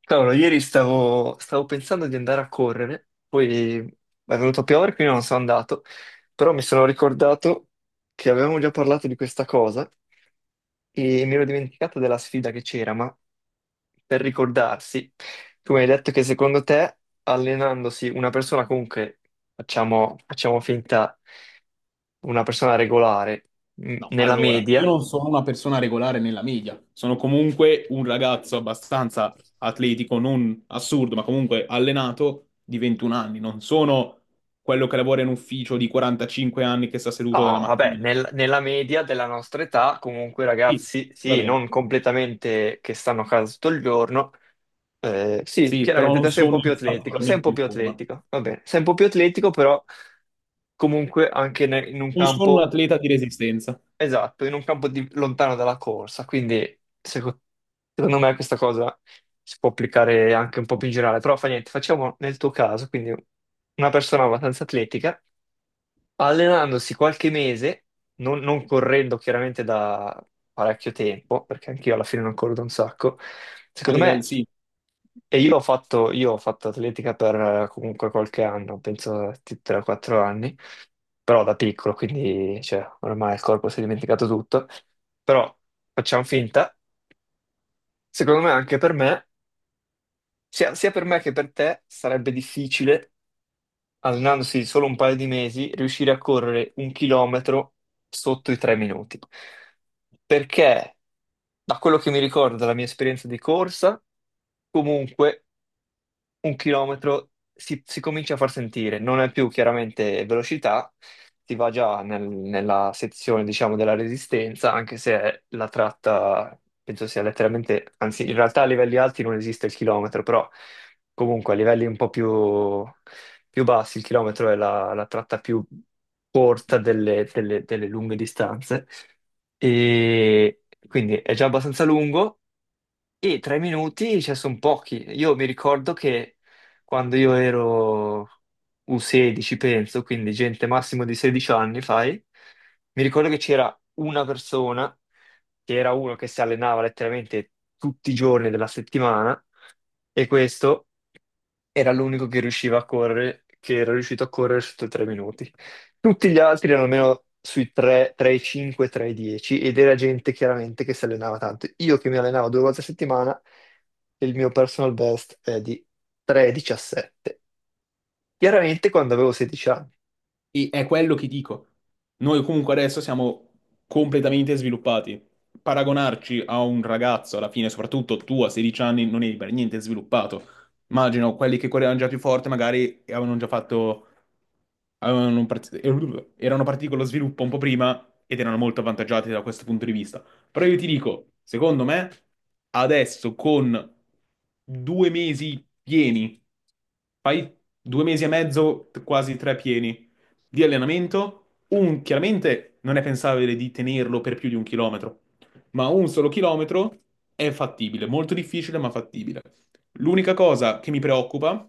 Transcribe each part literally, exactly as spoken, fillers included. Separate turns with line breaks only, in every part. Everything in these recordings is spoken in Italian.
Cavolo, ieri stavo, stavo pensando di andare a correre, poi è venuto a piovere, quindi non sono andato, però mi sono ricordato che avevamo già parlato di questa cosa e mi ero dimenticato della sfida che c'era, ma per ricordarsi, tu mi hai detto che secondo te allenandosi una persona comunque, facciamo, facciamo finta, una persona regolare, mh,
No,
nella
allora, io
media.
non sono una persona regolare nella media, sono comunque un ragazzo abbastanza atletico, non assurdo, ma comunque allenato di ventuno anni, non sono quello che lavora in ufficio di quarantacinque anni che sta
No,
seduto dalla
vabbè,
mattina.
nel- nella media della nostra età, comunque
Sì,
ragazzi,
va
sì,
bene.
non completamente che stanno a casa tutto il giorno, eh, sì,
Sì, però
chiaramente
non
te sei un
sono
po' più atletico, sei un
particolarmente
po'
in
più
forma.
atletico, va bene, sei un po' più atletico, però comunque anche ne- in un
Non sono un
campo,
atleta di resistenza,
esatto, in un campo di- lontano dalla corsa, quindi seco- secondo me questa cosa si può applicare anche un po' più in generale, però fa niente, facciamo nel tuo caso, quindi una persona abbastanza atletica allenandosi qualche mese, non, non correndo chiaramente da parecchio tempo, perché anch'io alla fine non corro da un sacco,
a
secondo
livello,
me.
sì.
E io ho fatto, io ho fatto atletica per eh, comunque qualche anno, penso tre quattro anni, però da piccolo, quindi cioè, ormai il corpo si è dimenticato tutto, però facciamo finta, secondo me anche per me, sia, sia per me che per te, sarebbe difficile allenandosi di solo un paio di mesi, riuscire a correre un chilometro sotto i tre minuti. Perché, da quello che mi ricordo dalla mia esperienza di corsa, comunque un chilometro si, si comincia a far sentire, non è più chiaramente velocità, si va già nel- nella sezione, diciamo, della resistenza, anche se la tratta, penso sia letteralmente, anzi, in realtà a livelli alti non esiste il chilometro, però comunque a livelli un po' più, più bassi il chilometro è la, la tratta più corta delle, delle delle lunghe distanze. E quindi è già abbastanza lungo e tre minuti, cioè, sono pochi. Io mi ricordo che quando io ero U sedici, penso, quindi gente massimo di sedici anni, fai, mi ricordo che c'era una persona, che era uno che si allenava letteralmente tutti i giorni della settimana, e questo era l'unico che riusciva a correre, che era riuscito a correre sotto i tre minuti. Tutti gli altri erano almeno sui tre, tre e cinque, tre e dieci ed era gente chiaramente che si allenava tanto. Io che mi allenavo due volte a settimana, il mio personal best è di tre e diciassette. Chiaramente quando avevo sedici anni.
E è quello che dico. Noi comunque adesso siamo completamente sviluppati. Paragonarci a un ragazzo, alla fine, soprattutto tu a sedici anni, non eri per niente sviluppato. Immagino quelli che correvano già più forte, magari avevano già fatto, avevano un part- erano partiti con lo sviluppo un po' prima ed erano molto avvantaggiati da questo punto di vista. Però io ti dico, secondo me, adesso con due mesi pieni, fai due mesi e mezzo, t- quasi tre pieni di allenamento, un chiaramente non è pensabile di tenerlo per più di un chilometro, ma un solo chilometro è fattibile, molto difficile ma fattibile. L'unica cosa che mi preoccupa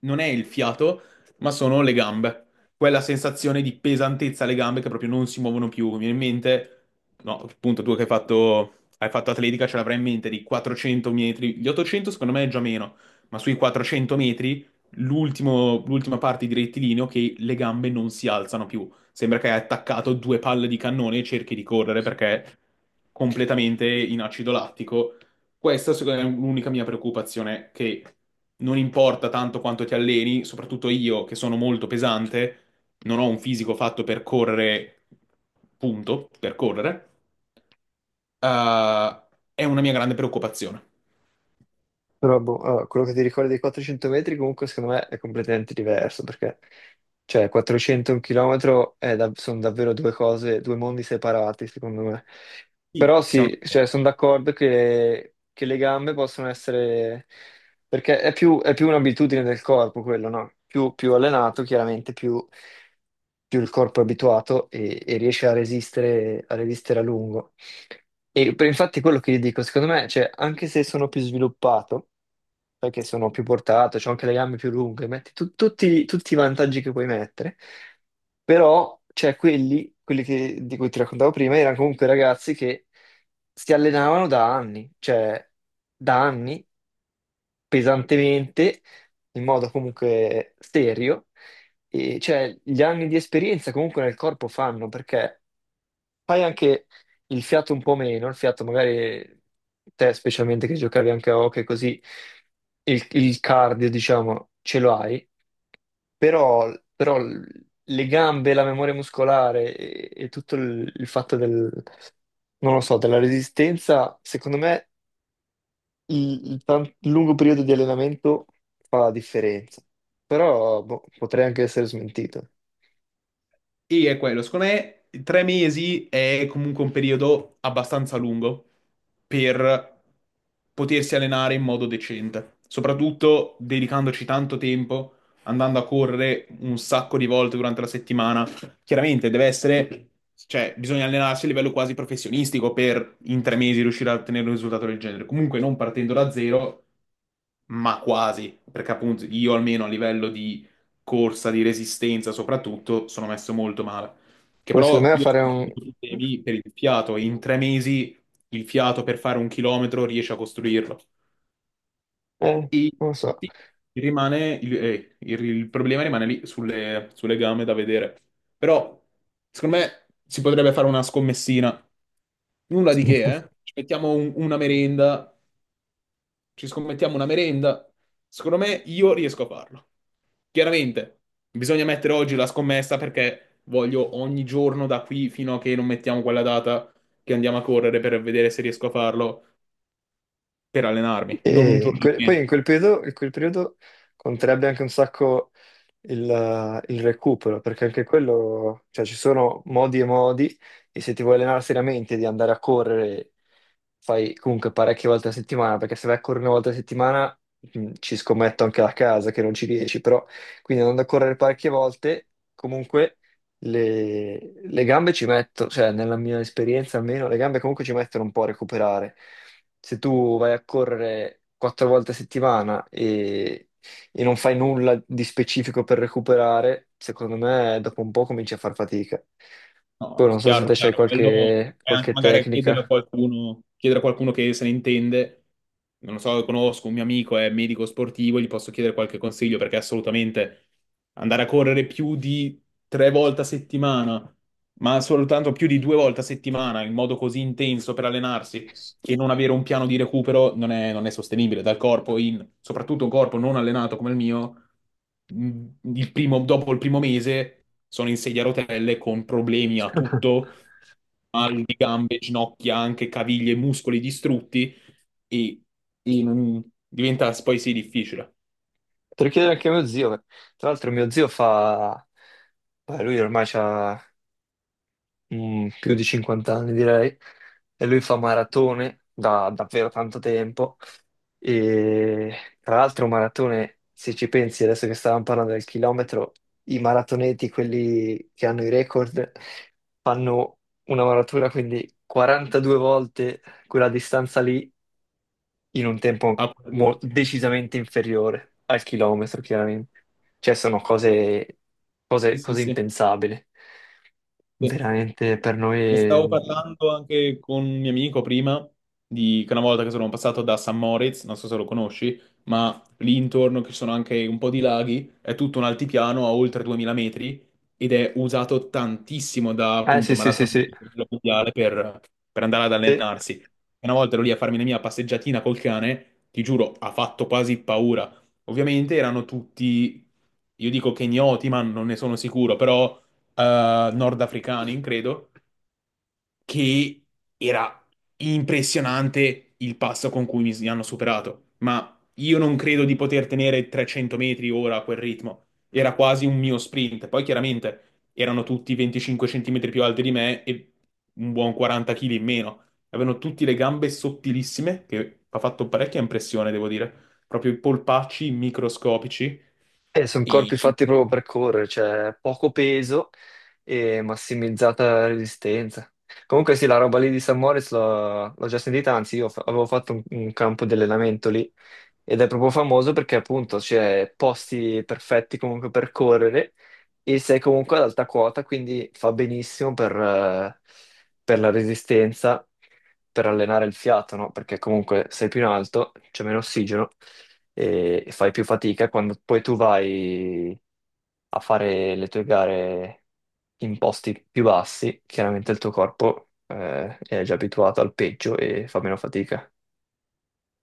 non è il fiato, ma sono le gambe. Quella sensazione di pesantezza alle gambe che proprio non si muovono più. Mi viene in mente, no, appunto, tu che hai fatto, hai fatto atletica ce l'avrai in mente di quattrocento metri. Gli ottocento secondo me è già meno, ma sui quattrocento metri l'ultimo- l'ultima parte di rettilineo che le gambe non si alzano più. Sembra che hai attaccato due palle di cannone e cerchi di correre perché è completamente in acido lattico. Questa, secondo me, è l'unica mia preoccupazione, che non importa tanto quanto ti alleni, soprattutto io che sono molto pesante, non ho un fisico fatto per correre, punto, per correre, eh, è una mia grande preoccupazione.
Però boh, allora, quello che ti ricordi dei quattrocento metri comunque secondo me è completamente diverso perché cioè quattrocento e un chilometro è da- sono davvero due cose, due mondi separati secondo me.
Sì.
Però
Siamo
sì, cioè,
d'accordo.
sono d'accordo che, che le gambe possono essere, perché è più, è più un'abitudine del corpo quello, no? Più, più allenato chiaramente, più, più il corpo è abituato e, e riesce a resistere, a resistere a lungo. E per- infatti quello che gli dico, secondo me, cioè, anche se sono più sviluppato, perché sono più portato, ho anche le gambe più lunghe, metti tu- tutti, tutti i vantaggi che puoi mettere, però c'è quelli, quelli che- di cui ti raccontavo prima, erano comunque ragazzi che si allenavano da anni, cioè da anni, pesantemente, in modo comunque serio, e cioè gli anni di esperienza comunque nel corpo fanno, perché fai anche il fiato un po' meno, il fiato magari te specialmente che giocavi anche a hockey così il, il cardio diciamo ce lo hai, però, però le gambe, la memoria muscolare e, e tutto il, il fatto del, non lo so, della resistenza, secondo me il, il tan- il lungo periodo di allenamento fa la differenza, però boh, potrei anche essere smentito.
E è quello, secondo me tre mesi è comunque un periodo abbastanza lungo per potersi allenare in modo decente, soprattutto dedicandoci tanto tempo, andando a correre un sacco di volte durante la settimana. Chiaramente deve essere, cioè bisogna allenarsi a livello quasi professionistico per in tre mesi riuscire a ottenere un risultato del genere, comunque non partendo da zero ma quasi, perché appunto io almeno a livello di corsa, di resistenza soprattutto, sono messo molto male. Che
Poi secondo
però
me
io
fare
sono
un...
problemi per il fiato e in tre mesi il fiato per fare un chilometro riesce a costruirlo.
eh,
E
non lo so.
sì, rimane il, eh, il- il problema rimane lì sulle, sulle gambe da vedere. Però secondo me si potrebbe fare una scommessina. Nulla di che, eh? Ci mettiamo un- una merenda, ci scommettiamo una merenda. Secondo me io riesco a farlo. Chiaramente, bisogna mettere oggi la scommessa perché voglio ogni giorno da qui fino a che non mettiamo quella data che andiamo a correre per vedere se riesco a farlo per allenarmi. Non un
E in
giorno,
quel- poi in quel periodo, in quel periodo conterebbe anche un sacco il, eh, il recupero, perché anche quello, cioè ci sono modi e modi, e se ti vuoi allenare seriamente di andare a correre, fai comunque parecchie volte a settimana, perché se vai a correre una volta a settimana, mh, ci scommetto anche la casa che non ci riesci, però quindi andando a correre parecchie volte, comunque le, le gambe ci mettono, cioè nella mia esperienza almeno, le gambe comunque ci mettono un po' a recuperare. Se tu vai a correre quattro volte a settimana e e non fai nulla di specifico per recuperare, secondo me dopo un po' cominci a far fatica.
no,
Poi non so se
chiaro,
te c'hai
chiaro. Quello
qualche,
è anche
qualche
magari chiedere a
tecnica.
qualcuno, chiedere a qualcuno che se ne intende. Non lo so, conosco un mio amico, è medico sportivo, gli posso chiedere qualche consiglio perché assolutamente andare a correre più di tre volte a settimana, ma soltanto più di due volte a settimana in modo così intenso per allenarsi che non avere un piano di recupero non è, non è sostenibile dal corpo, in- soprattutto un corpo non allenato come il mio, mh, il primo- dopo il primo mese sono in sedia a rotelle con problemi a tutto, mal di gambe, ginocchia, anche caviglie, muscoli distrutti e, e non- diventa poi sì difficile.
Te lo chiedere anche a mio zio. Eh. Tra l'altro mio zio fa... Beh, lui ormai ha più di cinquanta anni direi e lui fa maratone da davvero tanto tempo. E tra l'altro, maratone, se ci pensi, adesso che stavamo parlando del chilometro, i maratoneti, quelli che hanno i record, fanno una maratura, quindi quarantadue volte quella distanza lì in un tempo
Ah,
mo- decisamente inferiore al chilometro, chiaramente. Cioè, sono cose,
sì,
cose,
sì,
cose
sì.
impensabili.
Sì.
Veramente per
Ne stavo
noi.
parlando anche con un mio amico prima, di, che una volta che sono passato da San Moritz, non so se lo conosci, ma lì intorno che ci sono anche un po' di laghi, è tutto un altipiano a oltre duemila metri ed è usato tantissimo da
Eh, sì,
appunto
sì, sì,
maratoni
sì.
a livello mondiale per, per andare ad
Sì.
allenarsi. E Una volta ero lì a farmi la mia passeggiatina col cane, ti giuro, ha fatto quasi paura. Ovviamente erano tutti, io dico kenyoti, ma non ne sono sicuro, però eh, nordafricani, credo che era impressionante il passo con cui mi hanno superato, ma io non credo di poter tenere trecento metri ora a quel ritmo. Era quasi un mio sprint. Poi chiaramente erano tutti venticinque centimetri più alti di me e un buon quaranta chili in meno. Avevano tutti le gambe sottilissime, che ha fatto parecchia impressione, devo dire. Proprio i polpacci microscopici
Eh, sono
e
corpi fatti proprio per correre, cioè poco peso e massimizzata resistenza. Comunque sì, la roba lì di San Moritz l'ho l'ho già sentita, anzi io fa- avevo fatto un, un campo di allenamento lì ed è proprio famoso perché appunto c'è posti perfetti comunque per correre e sei comunque ad alta quota, quindi fa benissimo per, eh, per la resistenza, per allenare il fiato, no? Perché comunque sei più in alto, c'è meno ossigeno e, e fai più fatica quando poi tu vai a fare le tue gare in posti più bassi, chiaramente il tuo corpo, eh, è già abituato al peggio e fa meno fatica.